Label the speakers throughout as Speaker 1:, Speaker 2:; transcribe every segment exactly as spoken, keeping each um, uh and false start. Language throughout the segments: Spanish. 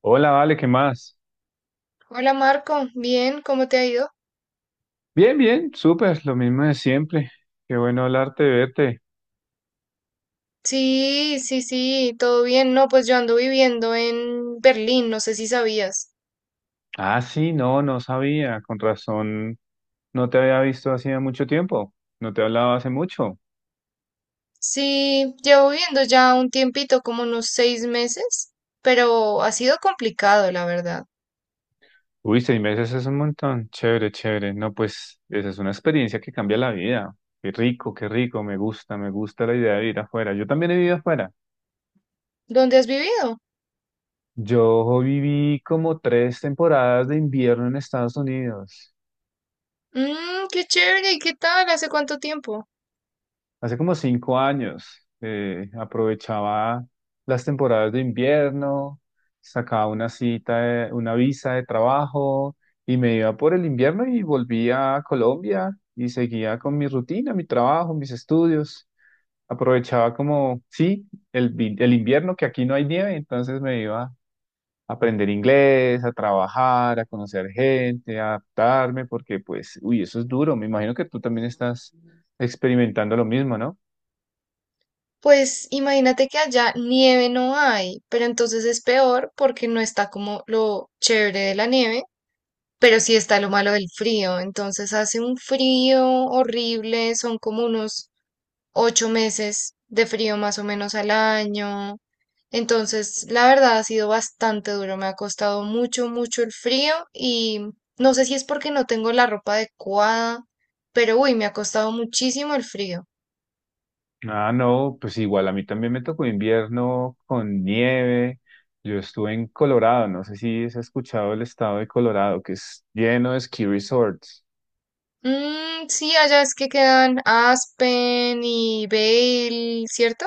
Speaker 1: Hola, Vale, ¿qué más?
Speaker 2: Hola Marco, bien, ¿cómo te ha ido?
Speaker 1: Bien, bien, súper, lo mismo de siempre. Qué bueno hablarte, verte.
Speaker 2: Sí, sí, sí, todo bien. No, pues yo ando viviendo en Berlín, no sé si sabías.
Speaker 1: Ah, sí, no, no sabía, con razón, no te había visto hacía mucho tiempo, no te hablaba hace mucho.
Speaker 2: Sí, llevo viviendo ya un tiempito, como unos seis meses, pero ha sido complicado, la verdad.
Speaker 1: Uy, seis meses es un montón, chévere, chévere. No, pues, esa es una experiencia que cambia la vida. Qué rico, qué rico, me gusta, me gusta la idea de ir afuera. Yo también he vivido afuera.
Speaker 2: ¿Dónde has vivido?
Speaker 1: Yo viví como tres temporadas de invierno en Estados Unidos.
Speaker 2: Mmm, qué chévere, ¿y qué tal? ¿Hace cuánto tiempo?
Speaker 1: Hace como cinco años eh, aprovechaba las temporadas de invierno, sacaba una cita, de- una visa de trabajo y me iba por el invierno y volvía a Colombia y seguía con mi rutina, mi trabajo, mis estudios. Aprovechaba como, sí, el, vi- el invierno que aquí no hay nieve, entonces me iba a aprender inglés, a trabajar, a conocer gente, a adaptarme, porque pues, uy, eso es duro. Me imagino que tú también estás experimentando lo mismo, ¿no?
Speaker 2: Pues imagínate que allá nieve no hay, pero entonces es peor porque no está como lo chévere de la nieve. Pero sí está lo malo del frío, entonces hace un frío horrible, son como unos ocho meses de frío más o menos al año. Entonces, la verdad ha sido bastante duro, me ha costado mucho, mucho el frío y no sé si es porque no tengo la ropa adecuada, pero uy, me ha costado muchísimo el frío.
Speaker 1: Ah, no, pues igual a mí también me tocó invierno con nieve. Yo estuve en Colorado, no sé si has escuchado el estado de Colorado, que es lleno de ski resorts.
Speaker 2: Mm, sí, allá es que quedan Aspen y Vail, ¿cierto?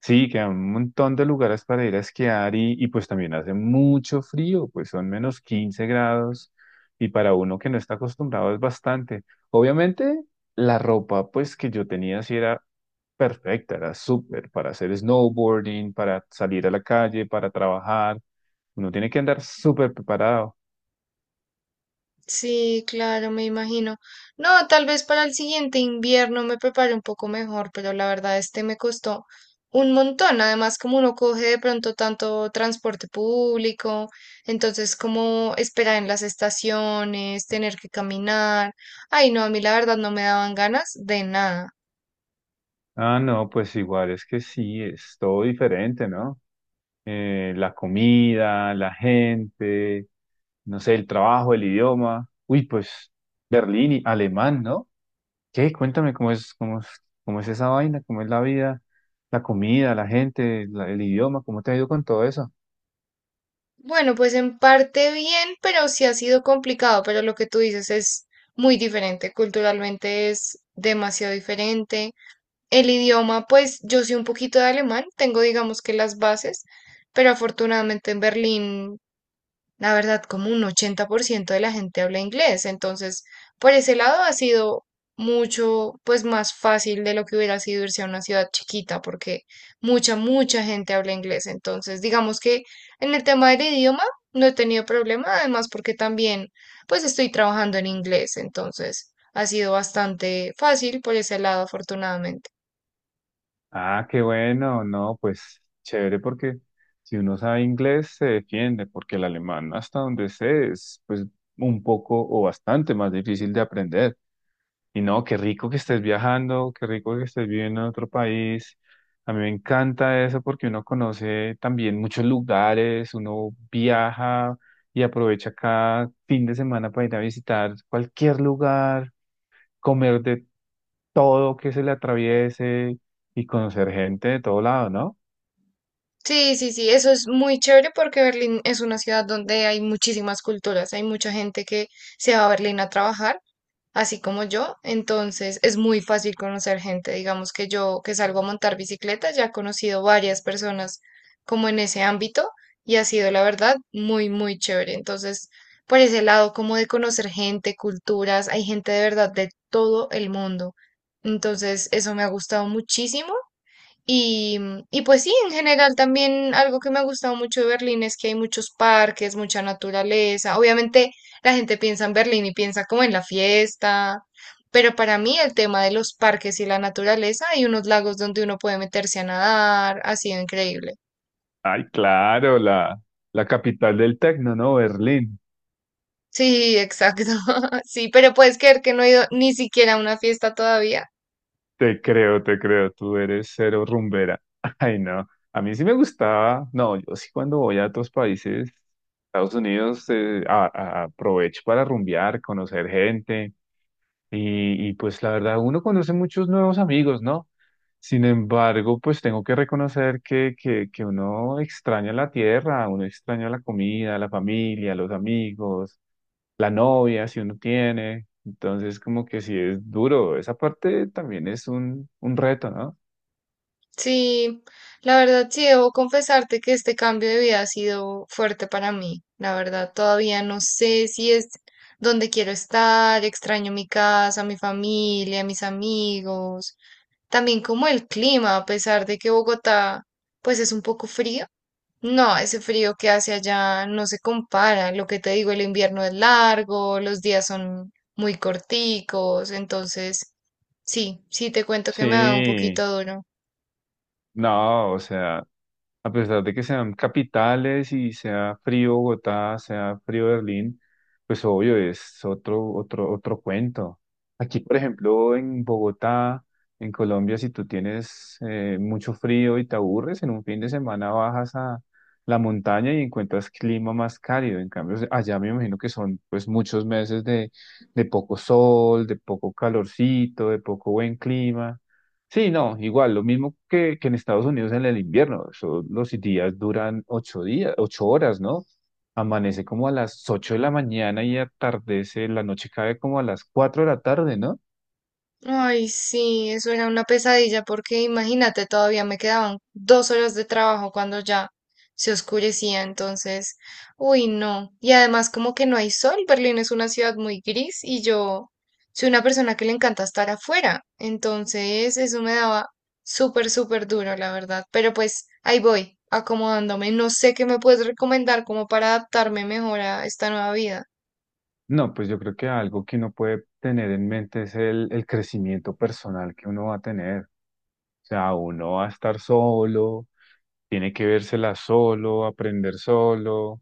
Speaker 1: Sí, que hay un montón de lugares para ir a esquiar y, y pues también hace mucho frío, pues son menos quince grados y para uno que no está acostumbrado es bastante. Obviamente la ropa pues que yo tenía sí era perfecta, era súper para hacer snowboarding, para salir a la calle, para trabajar. Uno tiene que andar súper preparado.
Speaker 2: Sí, claro, me imagino. No, tal vez para el siguiente invierno me prepare un poco mejor, pero la verdad este me costó un montón. Además, como uno coge de pronto tanto transporte público, entonces como esperar en las estaciones, tener que caminar. Ay, no, a mí la verdad no me daban ganas de nada.
Speaker 1: Ah, no, pues igual es que sí, es todo diferente, ¿no? Eh, la comida, la gente, no sé, el trabajo, el idioma. Uy, pues Berlín y alemán, ¿no? ¿Qué? Cuéntame cómo es, cómo es, cómo es esa vaina, cómo es la vida, la comida, la gente, la- el idioma, ¿cómo te ha ido con todo eso?
Speaker 2: Bueno, pues en parte bien, pero sí ha sido complicado, pero lo que tú dices es muy diferente. Culturalmente es demasiado diferente. El idioma, pues yo sé un poquito de alemán, tengo digamos que las bases, pero afortunadamente en Berlín, la verdad, como un ochenta por ciento de la gente habla inglés, entonces por ese lado ha sido mucho, pues más fácil de lo que hubiera sido irse a una ciudad chiquita, porque mucha, mucha gente habla inglés, entonces digamos que en el tema del idioma no he tenido problema, además porque también, pues estoy trabajando en inglés, entonces ha sido bastante fácil por ese lado, afortunadamente.
Speaker 1: Ah, qué bueno, no, pues chévere porque si uno sabe inglés se defiende, porque el alemán hasta donde sé es pues un poco o bastante más difícil de aprender. Y no, qué rico que estés viajando, qué rico que estés viviendo en otro país. A mí me encanta eso porque uno conoce también muchos lugares, uno viaja y aprovecha cada fin de semana para ir a visitar cualquier lugar, comer de todo que se le atraviese y conocer gente de todo lado, ¿no?
Speaker 2: Sí, sí, sí, eso es muy chévere porque Berlín es una ciudad donde hay muchísimas culturas, hay mucha gente que se va a Berlín a trabajar, así como yo, entonces es muy fácil conocer gente, digamos que yo que salgo a montar bicicleta ya he conocido varias personas como en ese ámbito y ha sido la verdad muy, muy chévere, entonces por ese lado como de conocer gente, culturas, hay gente de verdad de todo el mundo, entonces eso me ha gustado muchísimo. Y, y pues sí, en general también algo que me ha gustado mucho de Berlín es que hay muchos parques, mucha naturaleza. Obviamente la gente piensa en Berlín y piensa como en la fiesta, pero para mí el tema de los parques y la naturaleza, hay unos lagos donde uno puede meterse a nadar, ha sido increíble.
Speaker 1: Ay, claro, la, la capital del tecno, ¿no? Berlín.
Speaker 2: Sí, exacto. Sí, pero puedes creer que no he ido ni siquiera a una fiesta todavía.
Speaker 1: Te creo, te creo, tú eres cero rumbera. Ay, no. A mí sí me gustaba. No, yo sí cuando voy a otros países, Estados Unidos, eh, a- a- aprovecho para rumbear, conocer gente. Y, y pues la verdad, uno conoce muchos nuevos amigos, ¿no? Sin embargo, pues tengo que reconocer que, que, que uno extraña la tierra, uno extraña la comida, la familia, los amigos, la novia, si uno tiene. Entonces, como que sí es duro. Esa parte también es un, un reto, ¿no?
Speaker 2: Sí, la verdad sí debo confesarte que este cambio de vida ha sido fuerte para mí. La verdad, todavía no sé si es donde quiero estar, extraño mi casa, mi familia, mis amigos, también como el clima, a pesar de que Bogotá pues es un poco frío. No, ese frío que hace allá no se compara. Lo que te digo, el invierno es largo, los días son muy corticos, entonces sí, sí te cuento que me ha dado un
Speaker 1: Sí.
Speaker 2: poquito duro.
Speaker 1: No, o sea, a pesar de que sean capitales y sea frío Bogotá, sea frío Berlín, pues obvio es otro, otro, otro cuento. Aquí, por ejemplo, en Bogotá, en Colombia, si tú tienes eh, mucho frío y te aburres, en un fin de semana bajas a la montaña y encuentras clima más cálido. En cambio, allá me imagino que son pues muchos meses de, de poco sol, de poco calorcito, de poco buen clima. Sí, no, igual, lo mismo que, que en Estados Unidos en el invierno. Eso, los días duran ocho días, ocho horas, ¿no? Amanece como a las ocho de la mañana y atardece, la noche cae como a las cuatro de la tarde, ¿no?
Speaker 2: Ay, sí, eso era una pesadilla porque imagínate, todavía me quedaban dos horas de trabajo cuando ya se oscurecía, entonces, uy, no. Y además como que no hay sol, Berlín es una ciudad muy gris y yo soy una persona que le encanta estar afuera, entonces eso me daba súper, súper duro, la verdad. Pero pues ahí voy, acomodándome. No sé qué me puedes recomendar como para adaptarme mejor a esta nueva vida.
Speaker 1: No, pues yo creo que algo que uno puede tener en mente es el, el crecimiento personal que uno va a tener. O sea, uno va a estar solo, tiene que vérsela solo, aprender solo,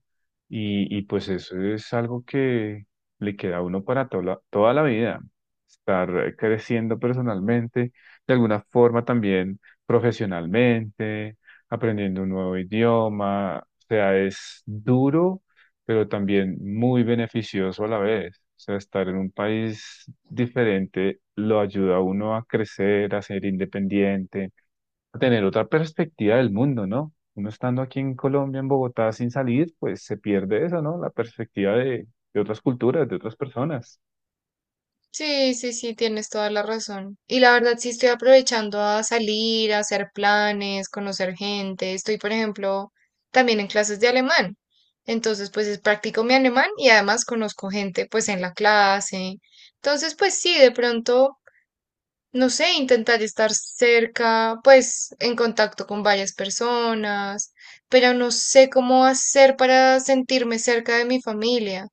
Speaker 1: y, y pues eso es algo que le queda a uno para toda, la- toda la vida, estar creciendo personalmente, de alguna forma también profesionalmente, aprendiendo un nuevo idioma, o sea, es duro, pero también muy beneficioso a la vez. O sea, estar en un país diferente lo ayuda a uno a crecer, a ser independiente, a tener otra perspectiva del mundo, ¿no? Uno estando aquí en Colombia, en Bogotá, sin salir, pues se pierde eso, ¿no? La perspectiva de, de otras culturas, de otras personas.
Speaker 2: Sí, sí, sí, tienes toda la razón. Y la verdad sí estoy aprovechando a salir, a hacer planes, conocer gente. Estoy, por ejemplo, también en clases de alemán. Entonces, pues es- practico mi alemán y además conozco gente, pues en la clase. Entonces, pues sí, de pronto, no sé, intentar estar cerca, pues en contacto con varias personas, pero no sé cómo hacer para sentirme cerca de mi familia.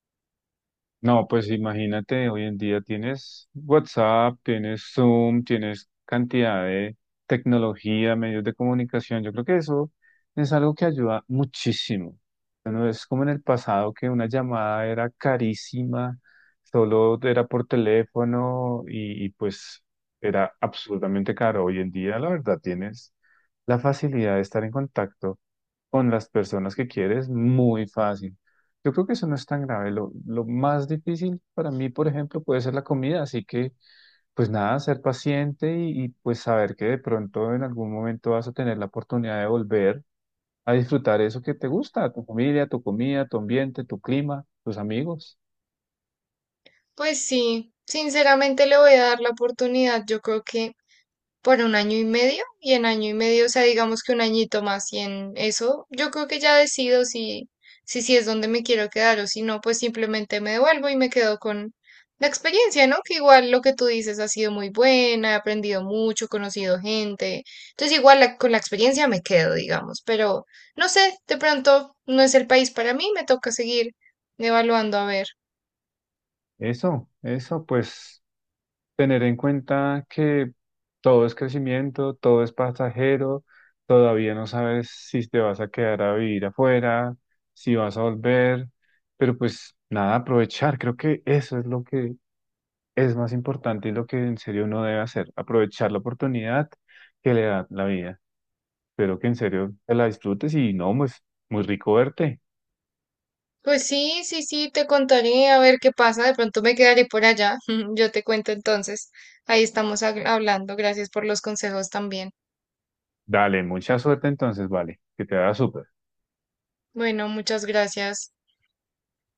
Speaker 1: No, pues imagínate, hoy en día tienes WhatsApp, tienes Zoom, tienes cantidad de tecnología, medios de comunicación. Yo creo que eso es algo que ayuda muchísimo. Ya no es como en el pasado que una llamada era carísima, solo era por teléfono y, y pues era absolutamente caro. Hoy en día, la verdad, tienes la facilidad de estar en contacto con las personas que quieres, muy fácil. Yo creo que eso no es tan grave. Lo, lo más difícil para mí, por ejemplo, puede ser la comida. Así que, pues nada, ser paciente y, y, pues saber que de pronto en algún momento vas a tener la oportunidad de volver a disfrutar eso que te gusta, tu familia, tu comida, tu ambiente, tu clima, tus amigos.
Speaker 2: Pues sí, sinceramente le voy a dar la oportunidad, yo creo que por un año y medio, y en año y medio, o sea, digamos que un añito más, y en eso yo creo que ya decido si, si, si es donde me quiero quedar o si no, pues simplemente me devuelvo y me quedo con la experiencia, ¿no? Que igual lo que tú dices ha sido muy buena, he aprendido mucho, he conocido gente, entonces igual la- con la experiencia me quedo, digamos, pero no sé, de pronto no es el país para mí, me toca seguir evaluando a ver.
Speaker 1: Eso, eso, pues tener en cuenta que todo es crecimiento, todo es pasajero, todavía no sabes si te vas a quedar a vivir afuera, si vas a volver, pero pues nada, aprovechar, creo que eso es lo que es más importante y lo que en serio uno debe hacer, aprovechar la oportunidad que le da la vida. Espero que en serio te la disfrutes y no, pues muy rico verte.
Speaker 2: Pues sí, sí, sí, te contaré a ver qué pasa. De pronto me quedaré por allá. Yo te cuento entonces. Ahí estamos ag- hablando. Gracias por los consejos también.
Speaker 1: Dale, mucha suerte entonces, vale, que te haga súper.
Speaker 2: Bueno, muchas gracias.